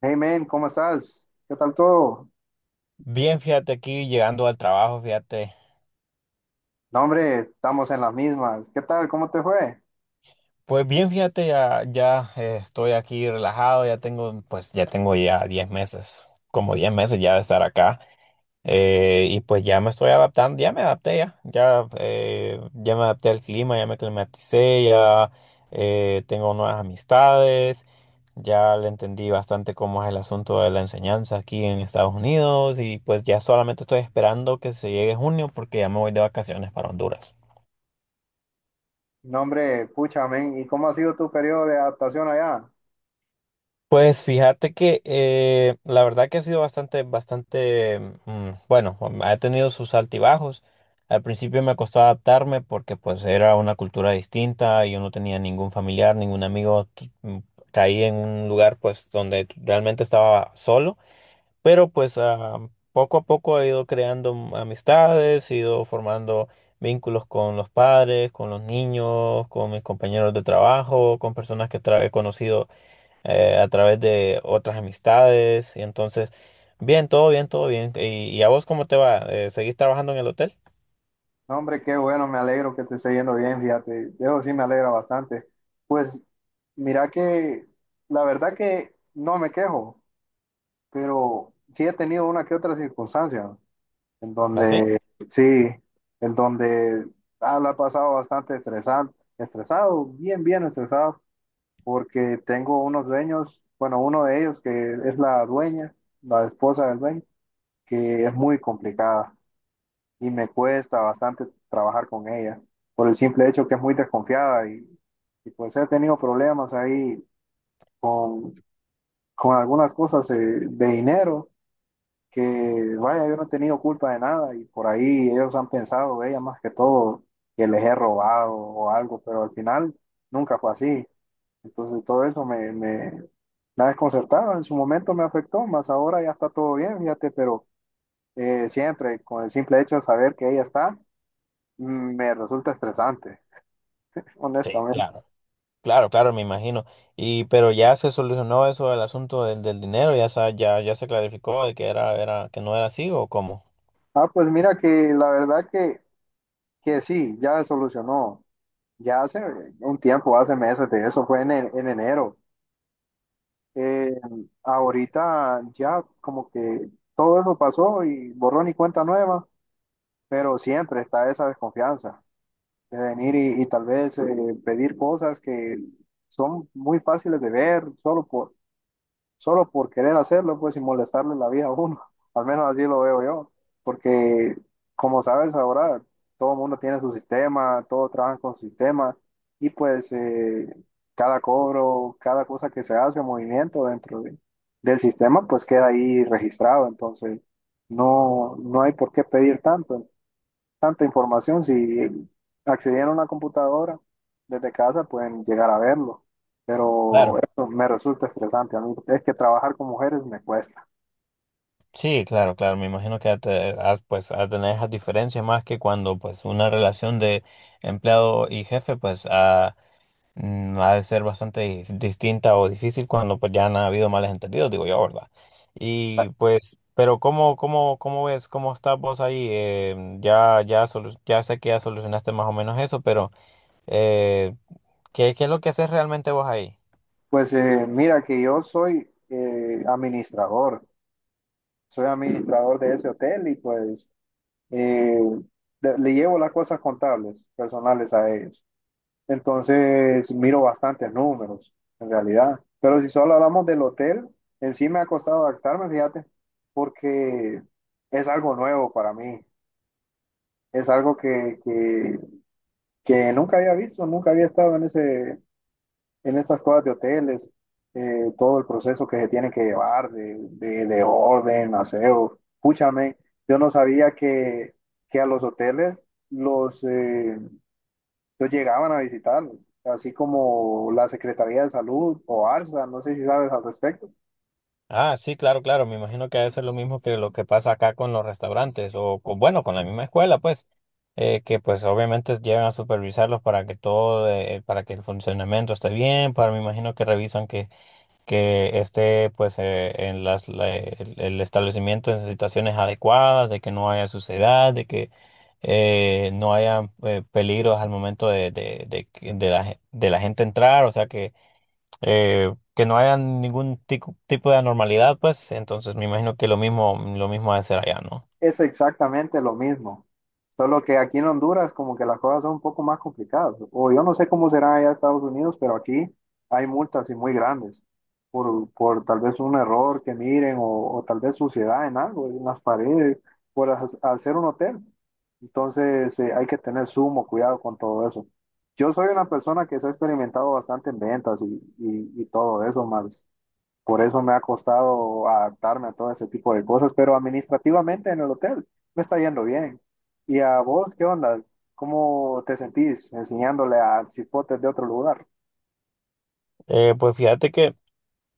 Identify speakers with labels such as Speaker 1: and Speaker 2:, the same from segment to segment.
Speaker 1: Hey man, ¿cómo estás? ¿Qué tal todo?
Speaker 2: Bien, fíjate aquí llegando al trabajo, fíjate.
Speaker 1: No, hombre, estamos en las mismas. ¿Qué tal? ¿Cómo te fue?
Speaker 2: Pues bien, fíjate, estoy aquí relajado, ya tengo, pues ya tengo 10 meses, como 10 meses ya de estar acá. Y pues ya me estoy adaptando, ya me adapté al clima, ya me climaticé, ya tengo nuevas amistades, ya le entendí bastante cómo es el asunto de la enseñanza aquí en Estados Unidos y pues ya solamente estoy esperando que se llegue junio porque ya me voy de vacaciones para Honduras.
Speaker 1: No, hombre, pucha, men, ¿y cómo ha sido tu periodo de adaptación allá?
Speaker 2: Pues fíjate que la verdad que ha sido bastante, bueno, ha tenido sus altibajos. Al principio me costó adaptarme porque pues era una cultura distinta, y yo no tenía ningún familiar, ningún amigo, caí en un lugar pues donde realmente estaba solo, pero pues poco a poco he ido creando amistades, he ido formando vínculos con los padres, con los niños, con mis compañeros de trabajo, con personas que he conocido a través de otras amistades. Y entonces, bien, todo bien, todo bien. Y a vos cómo te va? Seguís trabajando en el hotel?
Speaker 1: No, hombre, qué bueno, me alegro que te esté yendo bien, fíjate. De eso sí me alegra bastante. Pues mira que la verdad que no me quejo, pero sí he tenido una que otra circunstancia en
Speaker 2: ¿Así?
Speaker 1: donde, sí, en donde la he pasado bastante estresado, estresado, bien, bien estresado, porque tengo unos dueños, bueno, uno de ellos que es la dueña, la esposa del dueño, que es muy complicada y me cuesta bastante trabajar con ella, por el simple hecho que es muy desconfiada, y pues he tenido problemas ahí con, con algunas cosas de dinero, que vaya, yo no he tenido culpa de nada y por ahí ellos han pensado, ella más que todo, que les he robado o algo, pero al final nunca fue así. Entonces todo eso me desconcertaba, en su momento me afectó, más ahora ya está todo bien, fíjate, pero siempre con el simple hecho de saber que ella está, me resulta estresante,
Speaker 2: Sí,
Speaker 1: honestamente.
Speaker 2: claro. Claro, claro, me imagino. Y pero ya se solucionó eso del asunto del, del dinero, ya ya se clarificó de que era que no era así o cómo.
Speaker 1: Ah, pues mira que la verdad que sí, ya se solucionó, ya hace un tiempo, hace meses de eso, fue en, en enero. Eh, Ahorita ya como que todo eso pasó y borrón y cuenta nueva, pero siempre está esa desconfianza de venir y tal vez pedir cosas que son muy fáciles de ver solo por, solo por querer hacerlo, pues, y molestarle la vida a uno. Al menos así lo veo yo, porque como sabes ahora, todo el mundo tiene su sistema, todos trabajan con su sistema, y pues cada cobro, cada cosa que se hace, movimiento del sistema, pues queda ahí registrado. Entonces no, no hay por qué pedir tanto tanta información. Si accedieran a una computadora desde casa, pueden llegar a verlo. Pero
Speaker 2: Claro.
Speaker 1: eso me resulta estresante. A mí es que trabajar con mujeres me cuesta.
Speaker 2: Sí, claro, claro, me imagino que has, pues a tener esas diferencias más que cuando pues una relación de empleado y jefe pues. Ha de ser bastante distinta o difícil cuando pues ya han habido males entendidos, digo yo, ¿verdad? Y pues, pero ¿cómo, cómo, cómo ves, cómo estás vos ahí? Ya sé que ya solucionaste más o menos eso, pero eh, ¿qué, qué es lo que haces realmente vos ahí?
Speaker 1: Pues mira que yo soy administrador. Soy administrador de ese hotel y pues eh, le llevo las cosas contables, personales a ellos. Entonces miro bastantes números, en realidad. Pero si solo hablamos del hotel, en sí me ha costado adaptarme, fíjate, porque es algo nuevo para mí. Es algo que nunca había visto, nunca había estado en ese, en esas cosas de hoteles, todo el proceso que se tiene que llevar de orden, aseo. Púchame, yo no sabía que a los hoteles los, eh, ellos llegaban a visitarlos, así como la Secretaría de Salud o ARSA, no sé si sabes al respecto.
Speaker 2: Ah, sí, claro, claro, me imagino que ha de ser lo mismo que lo que pasa acá con los restaurantes o con, bueno, con la misma escuela, pues, que pues obviamente llegan a supervisarlos para que todo, para que el funcionamiento esté bien, para me imagino que revisan que esté pues en las, el establecimiento en situaciones adecuadas, de que no haya suciedad, de que no haya peligros al momento de, de la, de la gente entrar, o sea que no haya ningún tipo de anormalidad, pues entonces me imagino que lo mismo ha de ser allá, ¿no?
Speaker 1: Es exactamente lo mismo, solo que aquí en Honduras como que las cosas son un poco más complicadas. O yo no sé cómo será allá en Estados Unidos, pero aquí hay multas y muy grandes por tal vez un error que miren o tal vez suciedad en algo, en las paredes, por hacer un hotel. Entonces hay que tener sumo cuidado con todo eso. Yo soy una persona que se ha experimentado bastante en ventas y todo eso más. Por eso me ha costado adaptarme a todo ese tipo de cosas, pero administrativamente en el hotel me está yendo bien. ¿Y a vos qué onda? ¿Cómo te sentís enseñándole a cipotes de otro lugar?
Speaker 2: Pues fíjate que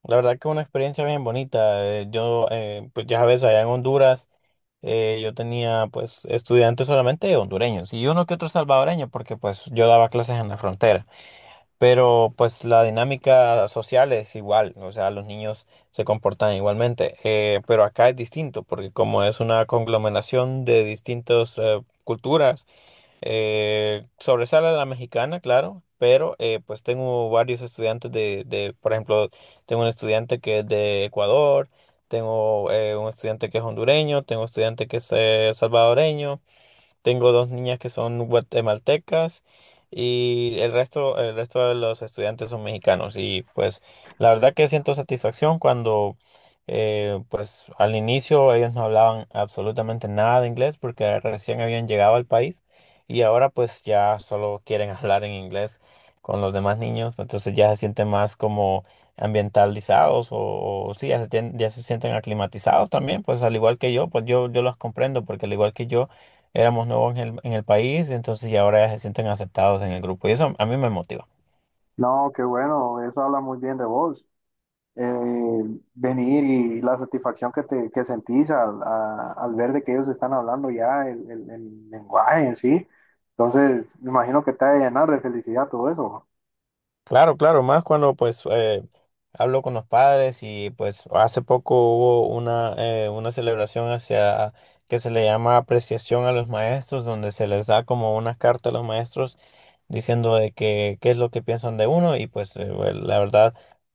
Speaker 2: la verdad que una experiencia bien bonita. Pues ya sabes, allá en Honduras, yo tenía pues estudiantes solamente hondureños y uno que otro salvadoreño, porque pues yo daba clases en la frontera. Pero pues la dinámica social es igual, o sea, los niños se comportan igualmente. Pero acá es distinto, porque como es una conglomeración de distintas culturas, sobresale la mexicana, claro, pero pues tengo varios estudiantes de, por ejemplo, tengo un estudiante que es de Ecuador, tengo un estudiante que es hondureño, tengo un estudiante que es salvadoreño. Tengo dos niñas que son guatemaltecas y el resto de los estudiantes son mexicanos. Y pues la verdad que siento satisfacción cuando pues al inicio ellos no hablaban absolutamente nada de inglés porque recién habían llegado al país y ahora pues ya solo quieren hablar en inglés con los demás niños. Entonces ya se sienten más como ambientalizados o sí, ya se sienten aclimatizados también, pues al igual que yo, pues yo los comprendo porque al igual que yo éramos nuevos en el país, entonces y ahora ya se sienten aceptados en el grupo. Y eso a mí me motiva.
Speaker 1: No, qué bueno, eso habla muy bien de vos. Eh, Venir y la satisfacción que sentís al ver de que ellos están hablando ya el lenguaje en sí. Entonces, me imagino que te ha de llenar de felicidad todo eso.
Speaker 2: Claro, claro, más cuando pues hablo con los padres y pues hace poco hubo una celebración hacia que se le llama apreciación a los maestros, donde se les da como una carta a los maestros diciendo de que qué es lo que piensan de uno y pues bueno, la verdad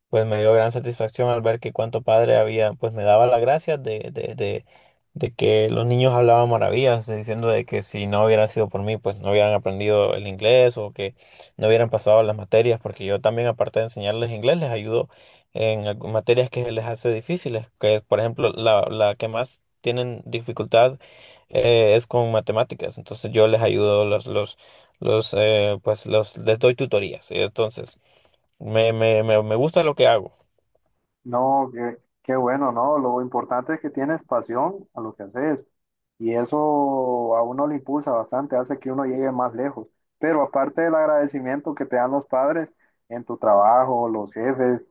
Speaker 2: pues me dio gran satisfacción al ver que cuánto padre había, pues me daba las gracias de que los niños hablaban maravillas, diciendo de que si no hubiera sido por mí pues no hubieran aprendido el inglés o que no hubieran pasado las materias, porque yo también, aparte de enseñarles inglés, les ayudo en materias que les hace difíciles, que por ejemplo, la que más tienen dificultad es con matemáticas, entonces yo les ayudo, los, pues los, les doy tutorías, entonces me gusta lo que hago.
Speaker 1: No, qué, qué bueno, ¿no? Lo importante es que tienes pasión a lo que haces, y eso a uno le impulsa bastante, hace que uno llegue más lejos. Pero aparte del agradecimiento que te dan los padres en tu trabajo, los jefes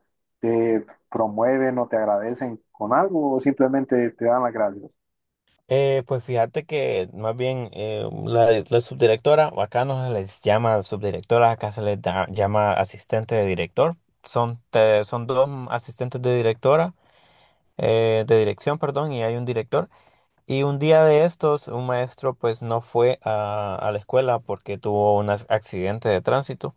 Speaker 1: te promueven o te agradecen con algo o simplemente te dan las gracias.
Speaker 2: Pues fíjate que más bien la, la subdirectora, o acá no se les llama subdirectora, acá se les llama asistente de director. Son, son dos asistentes de directora, de dirección, perdón, y hay un director. Y un día de estos, un maestro pues no fue a la escuela porque tuvo un accidente de tránsito.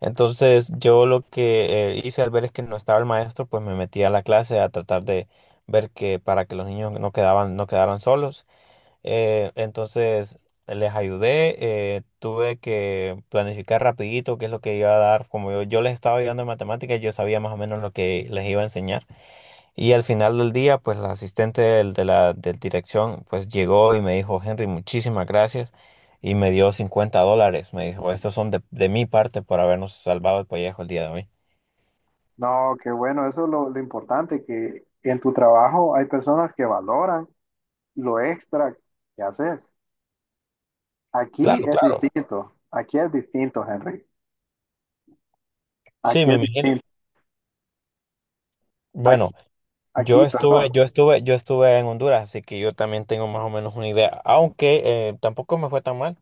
Speaker 2: Entonces yo lo que hice al ver es que no estaba el maestro, pues me metí a la clase a tratar de ver que para que los niños no quedaban, no quedaran solos. Entonces les ayudé, tuve que planificar rapidito qué es lo que iba a dar, como yo les estaba ayudando en matemáticas, yo sabía más o menos lo que les iba a enseñar. Y al final del día, pues la asistente de la del dirección, pues llegó y me dijo: Henry, muchísimas gracias. Y me dio $50, me dijo: estos son de mi parte por habernos salvado el pellejo el día de hoy.
Speaker 1: No, qué bueno, eso es lo importante, que en tu trabajo hay personas que valoran lo extra que haces.
Speaker 2: Claro, claro.
Speaker 1: Aquí es distinto, Henry.
Speaker 2: Sí,
Speaker 1: Aquí
Speaker 2: me
Speaker 1: es
Speaker 2: imagino.
Speaker 1: distinto. Aquí,
Speaker 2: Bueno.
Speaker 1: aquí, perdón.
Speaker 2: Yo estuve en Honduras, así que yo también tengo más o menos una idea, aunque tampoco me fue tan mal.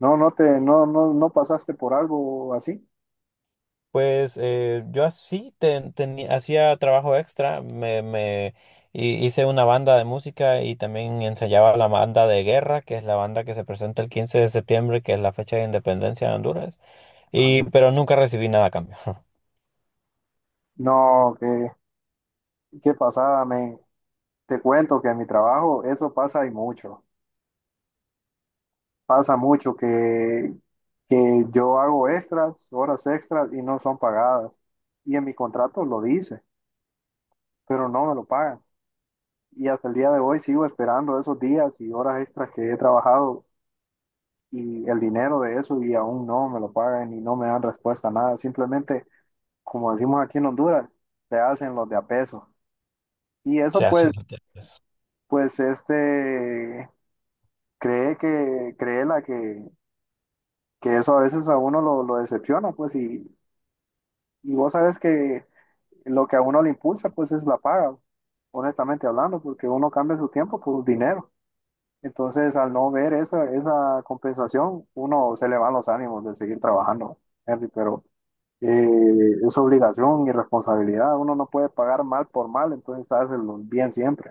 Speaker 1: No, no pasaste por algo así.
Speaker 2: Pues yo así hacía trabajo extra, me hice una banda de música y también ensayaba la banda de guerra, que es la banda que se presenta el 15 de septiembre, que es la fecha de independencia de Honduras,
Speaker 1: Ajá.
Speaker 2: y pero nunca recibí nada a cambio.
Speaker 1: No, qué, qué pasada, men. Te cuento que en mi trabajo eso pasa y mucho. Pasa mucho que yo hago extras, horas extras y no son pagadas. Y en mi contrato lo dice, pero no me lo pagan. Y hasta el día de hoy sigo esperando esos días y horas extras que he trabajado y el dinero de eso y aún no me lo pagan y no me dan respuesta a nada. Simplemente como decimos aquí en Honduras, se hacen los de a peso. Y
Speaker 2: O
Speaker 1: eso
Speaker 2: sea,
Speaker 1: pues, pues este, cree que, cree la que eso a veces a uno lo decepciona, pues, y vos sabes que lo que a uno le impulsa, pues, es la paga, honestamente hablando, porque uno cambia su tiempo por dinero. Entonces, al no ver esa compensación, uno se le van los ánimos de seguir trabajando, Henry, pero es obligación y responsabilidad. Uno no puede pagar mal por mal, entonces hacerlo bien siempre.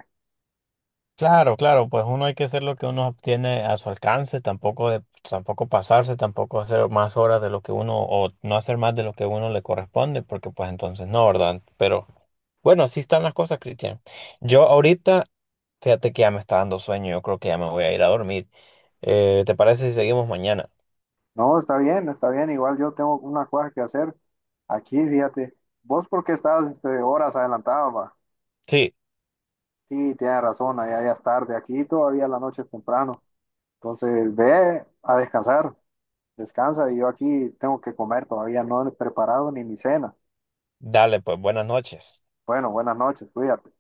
Speaker 2: claro, claro, pues uno hay que hacer lo que uno tiene a su alcance, tampoco de, tampoco pasarse, tampoco hacer más horas de lo que uno, o no hacer más de lo que uno le corresponde, porque pues entonces no, ¿verdad? Pero bueno, así están las cosas, Cristian. Yo ahorita, fíjate que ya me está dando sueño, yo creo que ya me voy a ir a dormir. ¿Te parece si seguimos mañana?
Speaker 1: No, está bien, está bien. Igual yo tengo una cosa que hacer aquí, fíjate. Vos porque estás este, horas adelantado, va.
Speaker 2: Sí,
Speaker 1: Sí, tienes razón, allá ya es tarde. Aquí todavía la noche es temprano. Entonces, ve a descansar, descansa. Y yo aquí tengo que comer, todavía no he preparado ni mi cena.
Speaker 2: dale, pues buenas noches.
Speaker 1: Bueno, buenas noches, cuídate.